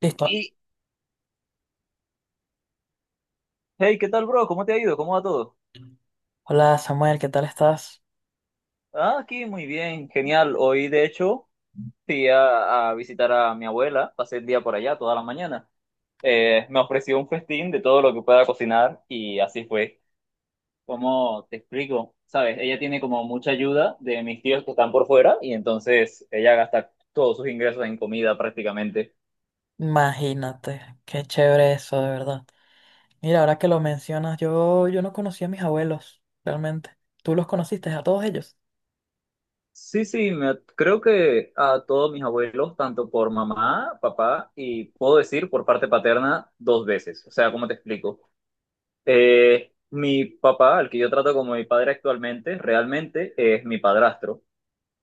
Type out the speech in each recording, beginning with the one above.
Listo. Y, hey, ¿qué tal, bro? ¿Cómo te ha ido? ¿Cómo va todo? Hola Samuel, ¿qué tal estás? Ah, aquí muy bien, genial. Hoy, de hecho, fui a visitar a mi abuela, pasé el día por allá toda la mañana. Me ofreció un festín de todo lo que pueda cocinar y así fue. ¿Cómo te explico? Sabes, ella tiene como mucha ayuda de mis tíos que están por fuera y entonces ella gasta todos sus ingresos en comida prácticamente. Imagínate, qué chévere eso, de verdad. Mira, ahora que lo mencionas, yo no conocí a mis abuelos, realmente. ¿Tú los conociste a todos ellos? Sí, sí, creo que a todos mis abuelos, tanto por mamá, papá y puedo decir por parte paterna, dos veces. O sea, ¿cómo te explico? Mi papá, al que yo trato como mi padre actualmente, realmente es mi padrastro,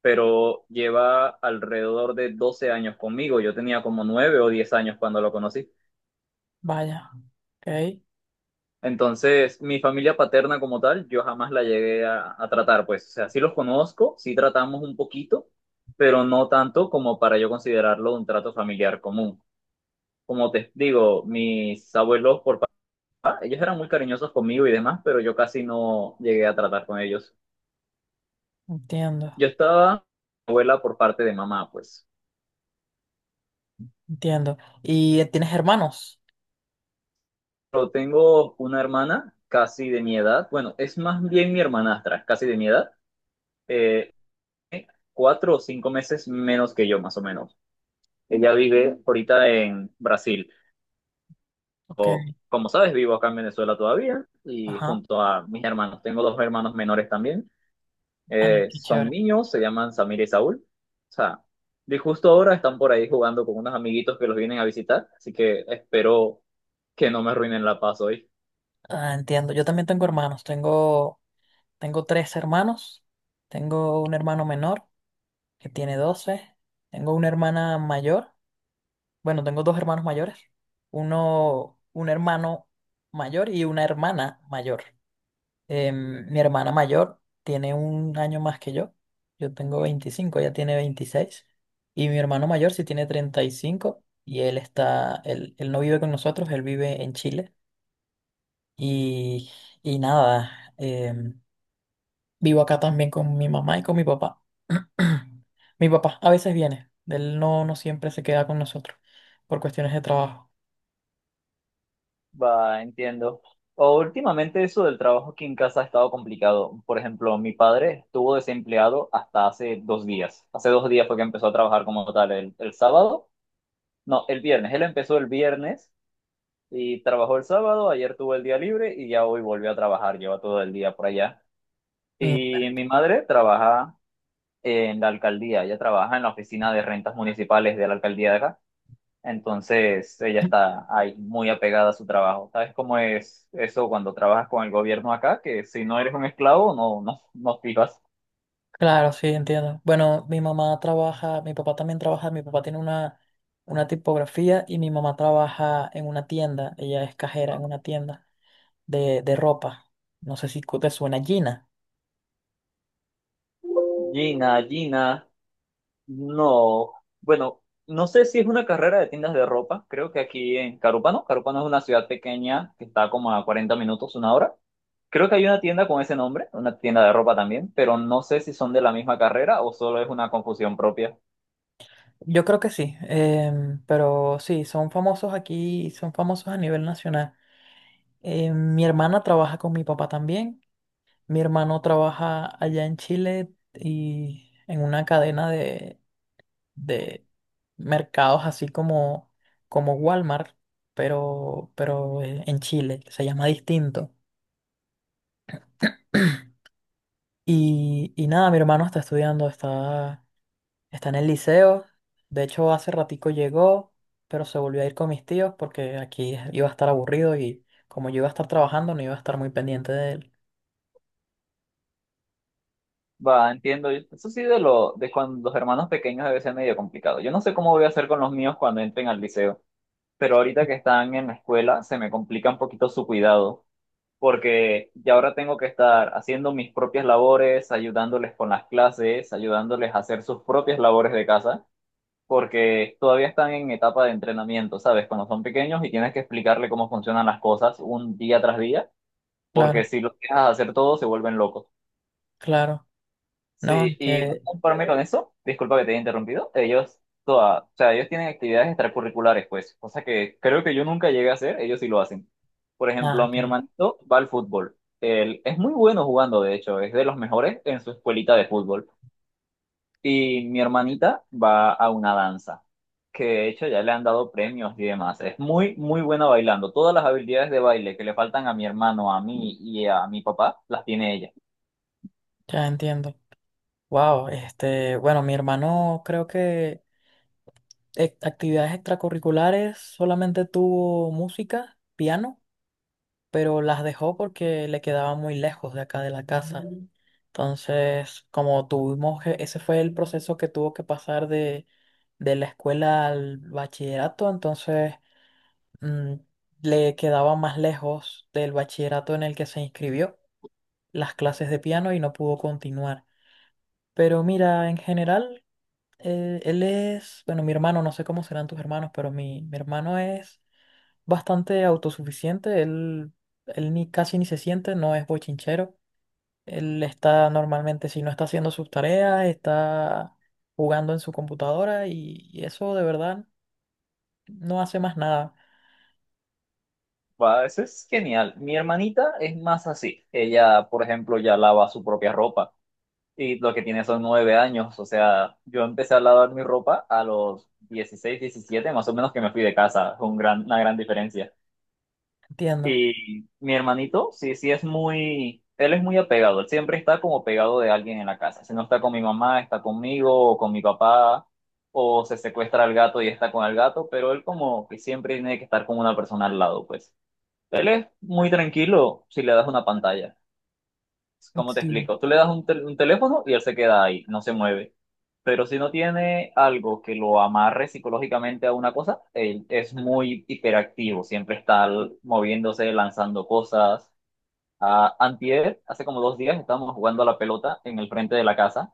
pero lleva alrededor de 12 años conmigo. Yo tenía como 9 o 10 años cuando lo conocí. Vaya, ok, Entonces, mi familia paterna como tal, yo jamás la llegué a tratar, pues, o sea, sí los conozco, sí tratamos un poquito, pero no tanto como para yo considerarlo un trato familiar común. Como te digo, mis abuelos por papá, ellos eran muy cariñosos conmigo y demás, pero yo casi no llegué a tratar con ellos. entiendo, Yo estaba abuela por parte de mamá, pues. entiendo. ¿Y tienes hermanos? Pero tengo una hermana casi de mi edad, bueno, es más bien mi hermanastra, casi de mi edad, eh, 4 o 5 meses menos que yo, más o menos. Ella vive ahorita en Brasil. Ok, Como sabes, vivo acá en Venezuela todavía y ajá, junto a mis hermanos. Tengo dos hermanos menores también. ah, qué Son chévere. niños, se llaman Samir y Saúl. O sea, de justo ahora están por ahí jugando con unos amiguitos que los vienen a visitar. Así que espero que no me arruinen la paz hoy. Ah, entiendo, yo también tengo hermanos, tengo tres hermanos, tengo un hermano menor que tiene doce. Tengo una hermana mayor. Bueno, tengo dos hermanos mayores. Uno, un hermano mayor y una hermana mayor. Mi hermana mayor tiene un año más que yo. Yo tengo 25, ella tiene 26. Y mi hermano mayor sí tiene 35 y cinco y él no vive con nosotros, él vive en Chile. Y, y nada, vivo acá también con mi mamá y con mi papá. Mi papá a veces viene, él no, no siempre se queda con nosotros por cuestiones de trabajo. Va, entiendo. O últimamente eso del trabajo aquí en casa ha estado complicado. Por ejemplo, mi padre estuvo desempleado hasta hace 2 días. Hace dos días fue que empezó a trabajar como tal el sábado. No, el viernes. Él empezó el viernes y trabajó el sábado. Ayer tuvo el día libre y ya hoy volvió a trabajar. Lleva todo el día por allá. Mm. Y mi madre trabaja en la alcaldía. Ella trabaja en la oficina de rentas municipales de la alcaldía de acá. Entonces, ella está ahí muy apegada a su trabajo. ¿Sabes cómo es eso cuando trabajas con el gobierno acá? Que si no eres un esclavo, no, no, no vivas. Claro, sí, entiendo. Bueno, mi mamá trabaja, mi papá también trabaja, mi papá tiene una tipografía y mi mamá trabaja en una tienda, ella es cajera en una tienda de ropa. No sé si te suena Gina. Gina, Gina. No, bueno, no sé si es una carrera de tiendas de ropa, creo que aquí en Carúpano, Carúpano es una ciudad pequeña que está como a 40 minutos, una hora. Creo que hay una tienda con ese nombre, una tienda de ropa también, pero no sé si son de la misma carrera o solo es una confusión propia. Yo creo que sí, pero sí, son famosos aquí, son famosos a nivel nacional. Mi hermana trabaja con mi papá también, mi hermano trabaja allá en Chile y en una cadena de mercados así como Walmart, pero en Chile, se llama distinto. Y, y nada, mi hermano está estudiando, está, está en el liceo. De hecho, hace ratico llegó, pero se volvió a ir con mis tíos porque aquí iba a estar aburrido y como yo iba a estar trabajando, no iba a estar muy pendiente de él. Va, entiendo. Eso sí de lo de cuando los hermanos pequeños debe ser medio complicado. Yo no sé cómo voy a hacer con los míos cuando entren al liceo, pero ahorita que están en la escuela se me complica un poquito su cuidado, porque ya ahora tengo que estar haciendo mis propias labores, ayudándoles con las clases, ayudándoles a hacer sus propias labores de casa, porque todavía están en etapa de entrenamiento, ¿sabes? Cuando son pequeños y tienes que explicarle cómo funcionan las cosas un día tras día, porque Claro, si los dejas hacer todo, se vuelven locos. claro. No, Sí, y no este, conforme con eso, disculpa que te haya interrumpido, ellos, toda, o sea, ellos tienen actividades extracurriculares, pues, cosa que creo que yo nunca llegué a hacer, ellos sí lo hacen. Por nada, ejemplo, ok, mi hermanito va al fútbol. Él es muy bueno jugando, de hecho, es de los mejores en su escuelita de fútbol. Y mi hermanita va a una danza, que de hecho ya le han dado premios y demás. Es muy, muy buena bailando. Todas las habilidades de baile que le faltan a mi hermano, a mí y a mi papá, las tiene ella. ya entiendo. Wow, este, bueno, mi hermano creo que actividades extracurriculares, solamente tuvo música, piano, pero las dejó porque le quedaba muy lejos de acá de la casa. Ujú. Entonces, como ese fue el proceso que tuvo que pasar de la escuela al bachillerato, entonces mm, le quedaba más lejos del bachillerato en el que se inscribió las clases de piano y no pudo continuar. Pero mira, en general, él es, bueno, mi hermano, no sé cómo serán tus hermanos, pero mi hermano es bastante autosuficiente, él ni, casi ni se siente, no es bochinchero. Él está normalmente, si no está haciendo sus tareas, está jugando en su computadora y eso de verdad no hace más nada. Va, eso es genial. Mi hermanita es más así. Ella, por ejemplo, ya lava su propia ropa y lo que tiene son 9 años. O sea, yo empecé a lavar mi ropa a los 16, 17 más o menos que me fui de casa. Fue un gran, una gran diferencia. Entiendo. Y mi hermanito, sí, sí es muy, él es muy apegado. Él siempre está como pegado de alguien en la casa. Si no está con mi mamá, está conmigo o con mi papá. O se secuestra al gato y está con el gato, pero él como que siempre tiene que estar con una persona al lado, pues. Él es muy tranquilo si le das una pantalla. ¿Cómo te Sí. explico? Tú le das un, un teléfono y él se queda ahí, no se mueve. Pero si no tiene algo que lo amarre psicológicamente a una cosa, él es muy hiperactivo, siempre está moviéndose, lanzando cosas. Ah, antier, hace como 2 días, estábamos jugando a la pelota en el frente de la casa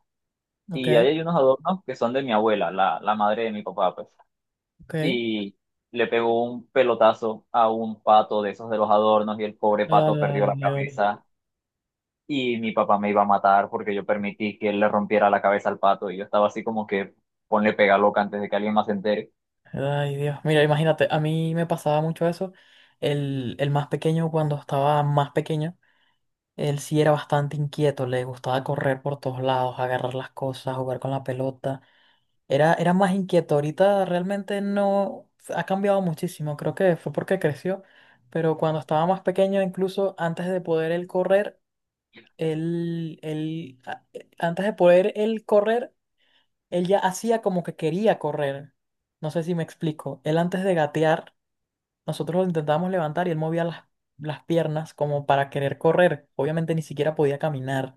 Ok, y ahí hay unos adornos que son de mi abuela, la madre de mi papá, pues. ok. Y le pegó un pelotazo a un pato de esos de los adornos y el pobre pato perdió Ay, la Dios. cabeza. Y mi papá me iba a matar porque yo permití que él le rompiera la cabeza al pato y yo estaba así como que ponle pega loca antes de que alguien más se entere. Ay, Dios. Mira, imagínate, a mí me pasaba mucho eso. El más pequeño, cuando estaba más pequeño, él sí era bastante inquieto, le gustaba correr por todos lados, agarrar las cosas, jugar con la pelota. Era más inquieto. Ahorita realmente no ha cambiado muchísimo. Creo que fue porque creció. Pero cuando estaba más pequeño, incluso antes de poder él correr, antes de poder él correr, él ya hacía como que quería correr. No sé si me explico. Él antes de gatear, nosotros lo intentábamos levantar y él movía las piernas como para querer correr. Obviamente ni siquiera podía caminar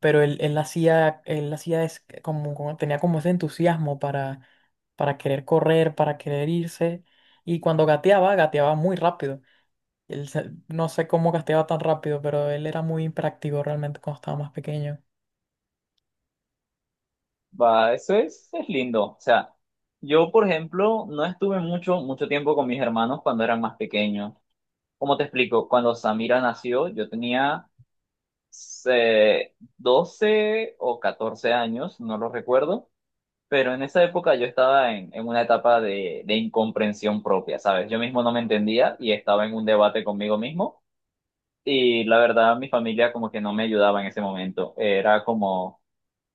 pero él hacía es como, tenía como ese entusiasmo para querer correr, para querer irse, y cuando gateaba, gateaba muy rápido. No sé cómo gateaba tan rápido, pero él era muy hiperactivo realmente cuando estaba más pequeño. Va, eso es lindo. O sea, yo, por ejemplo, no estuve mucho, mucho tiempo con mis hermanos cuando eran más pequeños. ¿Cómo te explico? Cuando Samira nació, yo tenía 12 o 14 años, no lo recuerdo. Pero en esa época yo estaba en una etapa de incomprensión propia, ¿sabes? Yo mismo no me entendía y estaba en un debate conmigo mismo. Y la verdad, mi familia como que no me ayudaba en ese momento. Era como,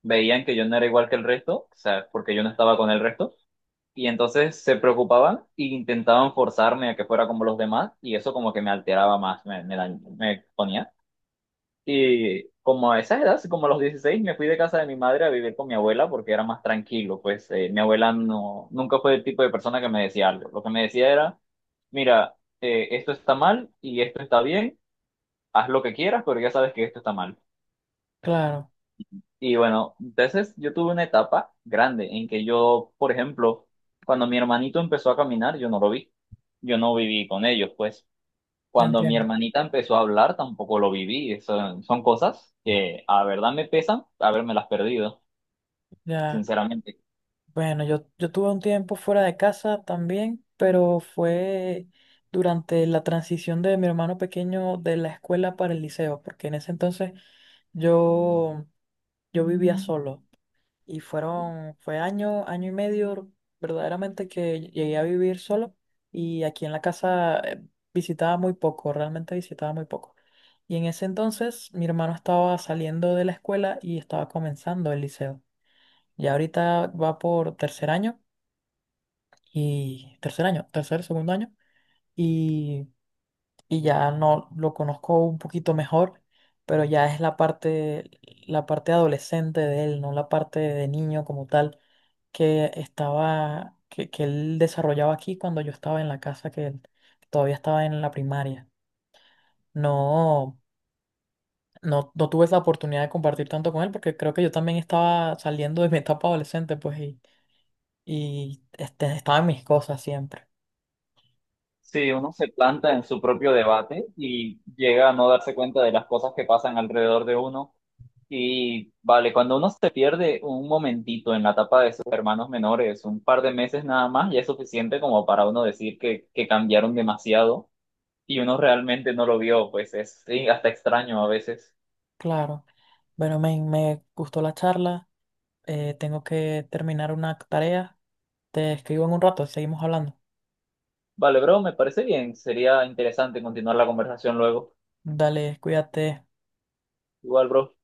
veían que yo no era igual que el resto, o sea, porque yo no estaba con el resto. Y entonces se preocupaban e intentaban forzarme a que fuera como los demás. Y eso como que me alteraba más, me ponía. Y como a esa edad, como a los 16 me fui de casa de mi madre a vivir con mi abuela porque era más tranquilo. Pues mi abuela no, nunca fue el tipo de persona que me decía algo. Lo que me decía era, mira, esto está mal y esto está bien, haz lo que quieras, pero ya sabes que esto está mal. Claro, Y bueno, entonces yo tuve una etapa grande en que yo, por ejemplo, cuando mi hermanito empezó a caminar, yo no lo vi. Yo no viví con ellos, pues. Cuando mi entiendo. hermanita empezó a hablar, tampoco lo viví. Son cosas que a verdad me pesan haberme las perdido, Ya. sinceramente. Bueno, yo tuve un tiempo fuera de casa también, pero fue durante la transición de mi hermano pequeño de la escuela para el liceo, porque en ese entonces yo, yo vivía solo. Y fue año, año y medio verdaderamente que llegué a vivir solo y aquí en la casa visitaba muy poco, realmente visitaba muy poco. Y en ese entonces mi hermano estaba saliendo de la escuela y estaba comenzando el liceo. Ya ahorita va por tercer año y segundo año y, y ya no lo conozco un poquito mejor, pero ya es la parte adolescente de él, no la parte de niño como tal que que él desarrollaba aquí cuando yo estaba en la casa, que él todavía estaba en la primaria. No, no tuve esa oportunidad de compartir tanto con él porque creo que yo también estaba saliendo de mi etapa adolescente, pues, y este, estaba en mis cosas siempre. Sí, uno se planta en su propio debate y llega a no darse cuenta de las cosas que pasan alrededor de uno. Y vale, cuando uno se pierde un momentito en la etapa de sus hermanos menores, un par de meses nada más, ya es suficiente como para uno decir que cambiaron demasiado y uno realmente no lo vio, pues es sí, hasta extraño a veces. Claro. Bueno, me gustó la charla. Tengo que terminar una tarea. Te escribo en un rato, seguimos hablando. Vale, bro, me parece bien, sería interesante continuar la conversación luego. Dale, cuídate. Igual, bro.